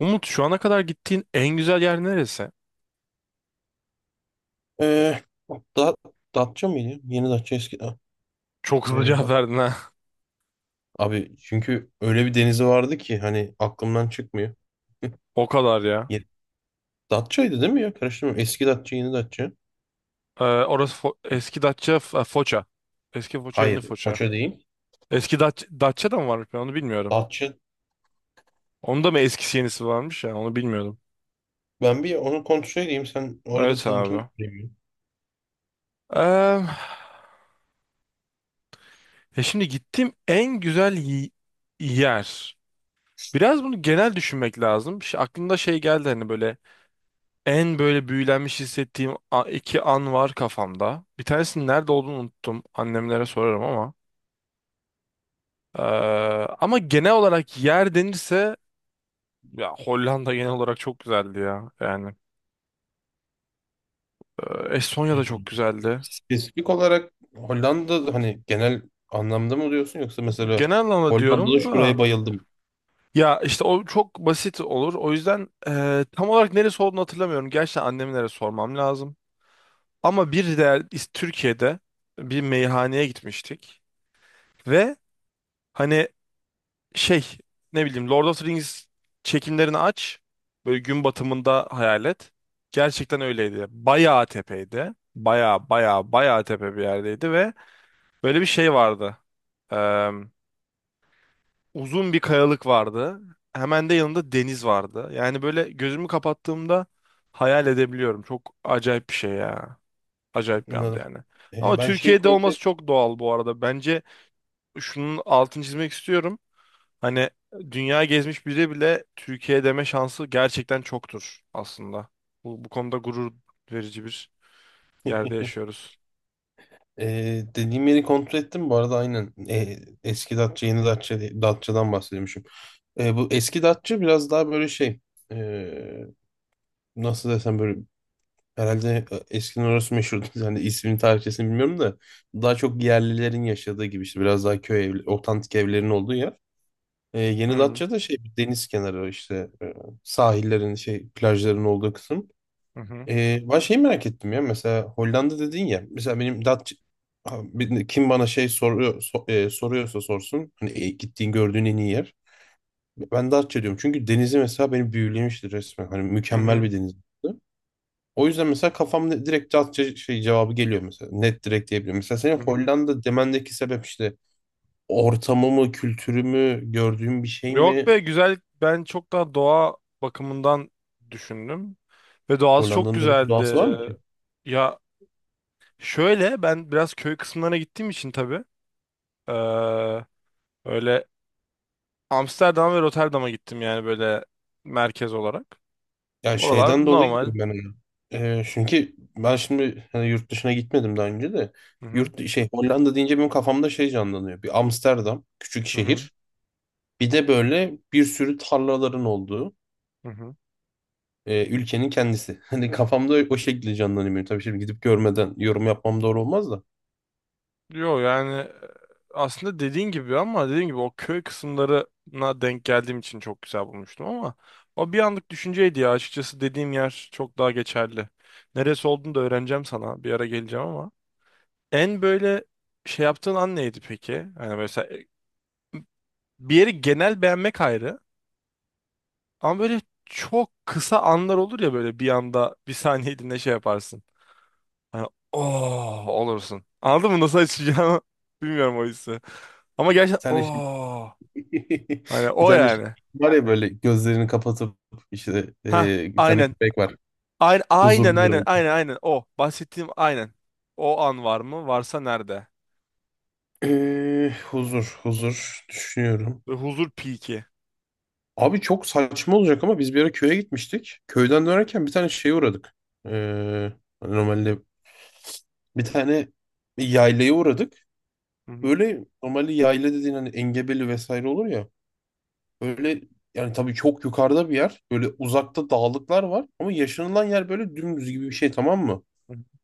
Umut şu ana kadar gittiğin en güzel yer neresi? Ee, da, Datça mıydı? Yeni Datça eski. Ha, Çok ee, hızlı cevap Dat- verdin ha. Abi, çünkü öyle bir denizi vardı ki hani aklımdan çıkmıyor. O kadar ya. Ye- Datça'ydı değil mi ya? Karıştırma. Eski Datça, yeni Datça. Orası eski Datça Foça. Eski Foça yeni Hayır, Foça. Foça değil. Eski Datça, Datça da mı varmış ben onu bilmiyorum. Datça. Onda mı eskisi yenisi varmış ya onu bilmiyordum. Ben bir onu kontrol edeyim. Sen orada Evet seninkini abi. söyleyeyim. Ee, ya şimdi gittiğim en güzel yer. Biraz bunu genel düşünmek lazım. Aklımda şey geldi hani böyle en böyle büyülenmiş hissettiğim iki an var kafamda. Bir tanesinin nerede olduğunu unuttum. Annemlere sorarım ama. Ee, ama genel olarak yer denirse ya Hollanda genel olarak çok güzeldi ya. Yani Estonya Ee, da çok güzeldi. Spesifik olarak Hollanda hani genel anlamda mı diyorsun, yoksa mesela Genel anlamda Hollanda'da diyorum şuraya da bayıldım? ya işte o çok basit olur. O yüzden tam olarak neresi olduğunu hatırlamıyorum. Gerçekten annemlere sormam lazım. Ama bir değer Türkiye'de bir meyhaneye gitmiştik ve hani şey ne bileyim Lord of the Rings çekimlerini aç. Böyle gün batımında hayal et. Gerçekten öyleydi. Bayağı tepeydi. Bayağı bayağı bayağı tepe bir yerdeydi ve böyle bir şey vardı. Ee, uzun bir kayalık vardı. Hemen de yanında deniz vardı. Yani böyle gözümü kapattığımda hayal edebiliyorum. Çok acayip bir şey ya. Acayip bir anda Anladım. yani. Ee, Ama ben şeyi Türkiye'de kontrol. olması çok doğal bu arada. Bence şunun altını çizmek istiyorum. Hani dünya gezmiş biri bile Türkiye deme şansı gerçekten çoktur aslında. Bu konuda gurur verici bir yerde yaşıyoruz. Dediğim yeri kontrol ettim. Bu arada aynen eski Datça yeni Datça, Datça'dan bahsediyormuşum. Bu eski Datça biraz daha böyle şey, ee, nasıl desem, böyle herhalde eskiden orası meşhurdu. Yani ismini tarihçesini bilmiyorum da daha çok yerlilerin yaşadığı gibi, işte biraz daha köy evli, otantik evlerin olduğu yer. Ee, Hı yeni hı. Datça da şey deniz kenarı, işte sahillerin şey plajların olduğu kısım. Hı hı. Ben şeyi merak ettim ya. Mesela Hollanda dedin ya, mesela benim Datça, ha, kim bana şey soruyor, soruyorsa sorsun hani, gittiğin gördüğün en iyi yer ben Datça diyorum, çünkü denizi mesela beni büyülemişti resmen. Hani Hı mükemmel hı. bir deniz. O yüzden mesela kafamda direkt Datça şey cevabı geliyor. Mesela net, direkt diyebilirim. Mesela senin Hı hı. Hollanda demendeki sebep işte ortamı mı, kültürü mü, gördüğün bir şey Yok mi? be güzel. Ben çok daha doğa bakımından düşündüm. Ve doğası çok Hollanda'nın öyle bir güzeldi. doğası var mı ki? Ya şöyle ben biraz köy kısımlarına gittiğim için tabii. eee, Öyle Amsterdam ve Rotterdam'a gittim yani böyle merkez olarak. Ya Oralar şeyden dolayı normal. diyorum ben onu. Çünkü ben şimdi hani yurt dışına gitmedim daha önce de. Hı hı. Yurt şey Hollanda deyince benim kafamda şey canlanıyor. Bir Amsterdam, küçük Hı hı. şehir. Bir de böyle bir sürü tarlaların olduğu, Hı hı. Ülkenin kendisi. Hani kafamda o şekilde canlanıyor benim. Tabii şimdi gidip görmeden yorum yapmam doğru olmaz da. Yo yani aslında dediğin gibi ama dediğin gibi o köy kısımlarına denk geldiğim için çok güzel bulmuştum ama o bir anlık düşünceydi ya açıkçası dediğim yer çok daha geçerli. Neresi olduğunu da öğreneceğim sana bir ara geleceğim ama. En böyle şey yaptığın an neydi peki? Hani mesela bir yeri genel beğenmek ayrı ama böyle çok kısa anlar olur ya böyle bir anda bir saniyeliğine şey yaparsın. Hani oh olursun. Anladın mı nasıl açacağını? Bilmiyorum o hissi. Ama Bir gerçekten tane şey. oh. Hani Bir o tane şey yani. var ya, böyle gözlerini kapatıp işte, Ha bir tane aynen. köpek var. Aynen aynen aynen Huzurlu. aynen aynen o. Bahsettiğim aynen. O an var mı? Varsa nerede? Huzur, huzur düşünüyorum. Ve huzur piki. Abi çok saçma olacak ama biz bir ara köye gitmiştik. Köyden dönerken bir tane şeye uğradık. Ee, hani normalde bir tane yaylaya uğradık. Hı hı. Böyle normalde yayla dediğin hani engebeli vesaire olur ya. Böyle, yani tabii çok yukarıda bir yer. Böyle uzakta dağlıklar var. Ama yaşanılan yer böyle dümdüz gibi bir şey, tamam mı?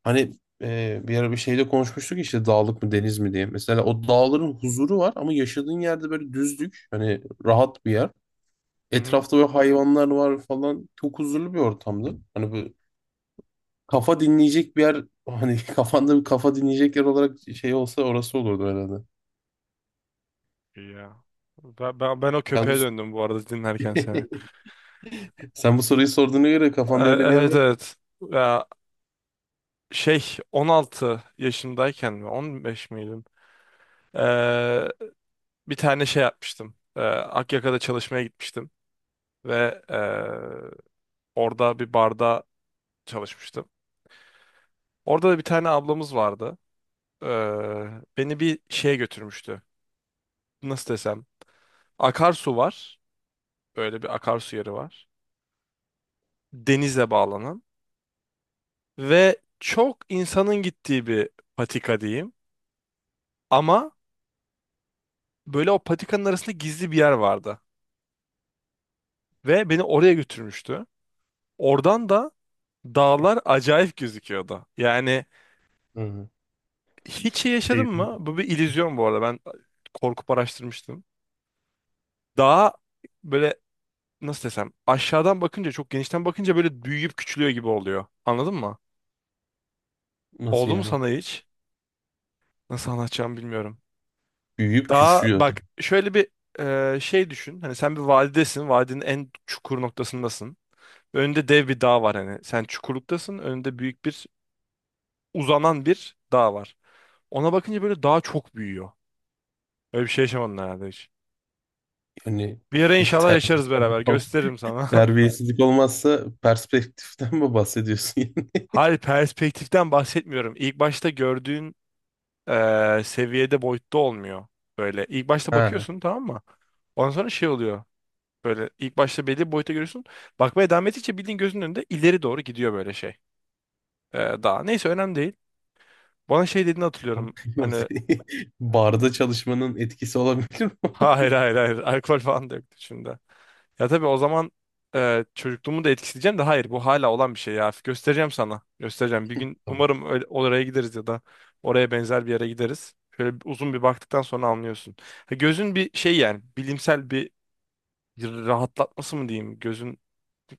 Hani, bir ara bir şeyde konuşmuştuk işte dağlık mı deniz mi diye. Mesela o dağların huzuru var ama yaşadığın yerde böyle düzlük. Hani rahat bir yer. Hı hı. Etrafta böyle hayvanlar var falan. Çok huzurlu bir ortamdı. Hani böyle kafa dinleyecek bir yer, hani kafanda bir kafa dinleyecek yer olarak şey olsa orası olurdu herhalde. İyi ya. Ben o Sen bu, köpeğe döndüm bu arada dinlerken seni. Sen bu soruyu sorduğuna göre kafanda öyle bir yer Evet var. evet. Ya, 16 yaşındayken mi 15 miydim? Bir tane şey yapmıştım. Akyaka'da çalışmaya gitmiştim ve orada bir barda çalışmıştım. Orada da bir tane ablamız vardı. Ee, beni bir şeye götürmüştü. Nasıl desem? Akarsu var. Böyle bir akarsu yeri var. Denize bağlanan ve çok insanın gittiği bir patika diyeyim. Ama böyle o patikanın arasında gizli bir yer vardı ve beni oraya götürmüştü. Oradan da dağlar acayip gözüküyordu. Yani Hı. hiç iyi Şey, yaşadın mı? Bu bir illüzyon bu arada. Ben korkup araştırmıştım. Daha böyle nasıl desem aşağıdan bakınca çok genişten bakınca böyle büyüyüp küçülüyor gibi oluyor. Anladın mı? nasıl Oldu mu yani? sana hiç? Nasıl anlatacağımı bilmiyorum. Büyüyüp Daha küçülüyor. bak şöyle bir şey düşün. Hani sen bir vadidesin. Vadinin en çukur noktasındasın. Önünde dev bir dağ var hani. Sen çukurluktasın. Önünde büyük bir uzanan bir dağ var. Ona bakınca böyle dağ çok büyüyor. Öyle bir şey yaşamadın herhalde hiç. Yani Bir ara inşallah ter- yaşarız beraber. Gösteririm sana. terbiyesizlik olmazsa perspektiften mi bahsediyorsun yani? Hayır perspektiften bahsetmiyorum. İlk başta gördüğün seviyede boyutta olmuyor. Böyle ilk başta Ha. bakıyorsun tamam mı? Ondan sonra şey oluyor. Böyle ilk başta belli bir boyuta görüyorsun. Bakmaya devam ettikçe bildiğin gözünün önünde ileri doğru gidiyor böyle şey. Daha neyse önemli değil. Bana şey dediğini hatırlıyorum. Hani Barda çalışmanın etkisi olabilir mi? hayır hayır hayır alkol falan da yoktu şimdi. Ya tabii o zaman çocukluğumu da etkileyeceğim de hayır bu hala olan bir şey ya. Göstereceğim sana. Göstereceğim. Bir gün Tamam. umarım öyle, oraya gideriz ya da oraya benzer bir yere gideriz. Şöyle uzun bir baktıktan sonra anlıyorsun. Ha, gözün bir şey yani bilimsel bir rahatlatması mı diyeyim? Gözün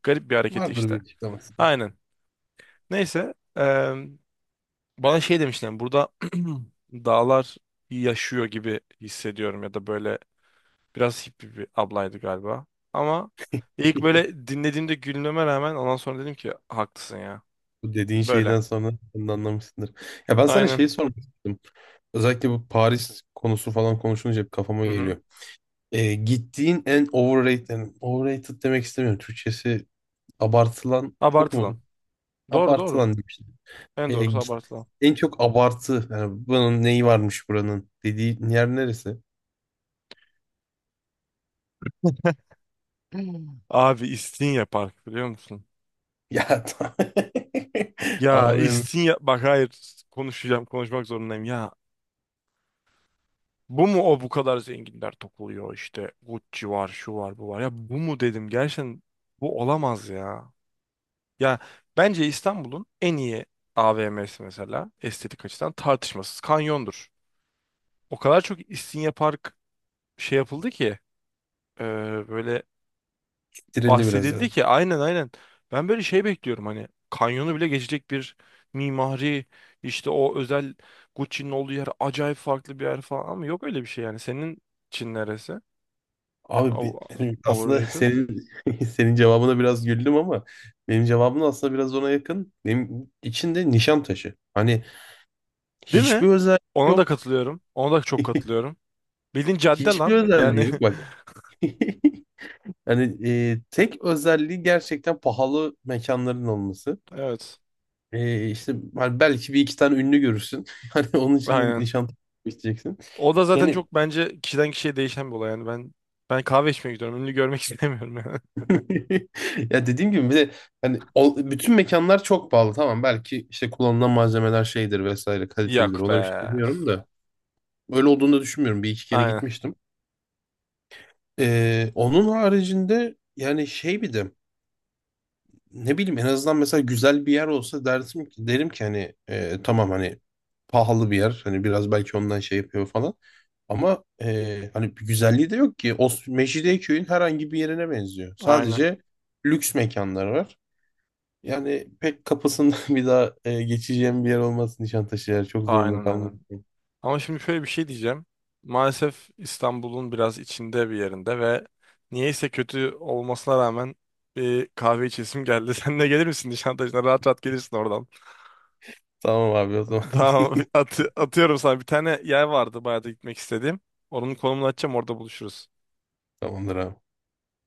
garip bir hareketi Vardır bir işte. açıklaması. Aynen. Neyse bana şey demişler burada dağlar yaşıyor gibi hissediyorum ya da böyle biraz hippie bir ablaydı galiba. Ama ilk böyle dinlediğimde gülmeme rağmen ondan sonra dedim ki haklısın ya. Bu dediğin Böyle. şeyden sonra sen de anlamışsındır. Ya ben sana Aynen. şeyi sormak istedim. Özellikle bu Paris konusu falan konuşunca hep kafama Hı hı. geliyor. Gittiğin en overrated, yani overrated demek istemiyorum. Türkçesi abartılan çok Abartılan. mu? Doğru doğru. Abartılan diyeyim işte. En Ee, doğrusu git, abartılan. en çok abartı. Yani bunun neyi varmış, buranın dediği yer neresi? Hmm. Abi İstinye Park biliyor musun? Ya tamam. Ya Abim İstinye bak hayır konuşacağım konuşmak zorundayım ya. Bu mu o bu kadar zenginler topluyor işte Gucci var şu var bu var ya bu mu dedim gerçekten bu olamaz ya. Ya bence İstanbul'un en iyi AVM'si mesela estetik açıdan tartışmasız Kanyon'dur. O kadar çok İstinye Park şey yapıldı ki e, böyle bitirildi biraz. bahsedildi ki aynen aynen. Ben böyle şey bekliyorum hani Kanyon'u bile geçecek bir mimari işte o özel Gucci'nin olduğu yer acayip farklı bir yer falan ama yok öyle bir şey yani. Senin için neresi? Abi O- benim aslında Overrated. senin, senin cevabına biraz güldüm ama benim cevabım da aslında biraz ona yakın. Benim içinde nişan taşı. Hani Değil mi? hiçbir özelliği Ona da yok. katılıyorum. Ona da çok katılıyorum. Bildiğin cadde Hiçbir lan. özelliği Yani yok bak. Hani, tek özelliği gerçekten pahalı mekanların olması. evet. E, işte hani belki bir iki tane ünlü görürsün. Hani onun için de Aynen. nişan taşı isteyeceksin. O da zaten Yani çok bence kişiden kişiye değişen bir olay. Yani ben kahve içmeye gidiyorum. Ünlü görmek istemiyorum yani. Ya dediğim gibi, bir de hani bütün mekanlar çok pahalı, tamam. Belki işte kullanılan malzemeler şeydir vesaire, kalitelidir, Yok be. ona bir şey demiyorum da öyle olduğunu da düşünmüyorum. Bir iki kere Aynen. gitmiştim. Onun haricinde yani şey, bir de ne bileyim en azından mesela güzel bir yer olsa dersim ki derim ki, hani tamam, hani pahalı bir yer, hani biraz belki ondan şey yapıyor falan, ama hani bir güzelliği de yok ki. O Mecidiyeköy'ün herhangi bir yerine benziyor Aynen. sadece, lüks mekanlar var. Yani pek kapısından bir daha geçeceğim bir yer olmaz Nişantaşı, yer çok zorunda Aynen kalmak. aynen. Ama şimdi şöyle bir şey diyeceğim. Maalesef İstanbul'un biraz içinde bir yerinde ve niyeyse kötü olmasına rağmen bir kahve içesim geldi. Sen de gelir misin Nişantaşı'na? Rahat rahat gelirsin oradan. Tamam abi o zaman. Tamam. At atıyorum sana. Bir tane yer vardı bayağı da gitmek istediğim. Onun konumunu açacağım orada buluşuruz. Tamamdır abi.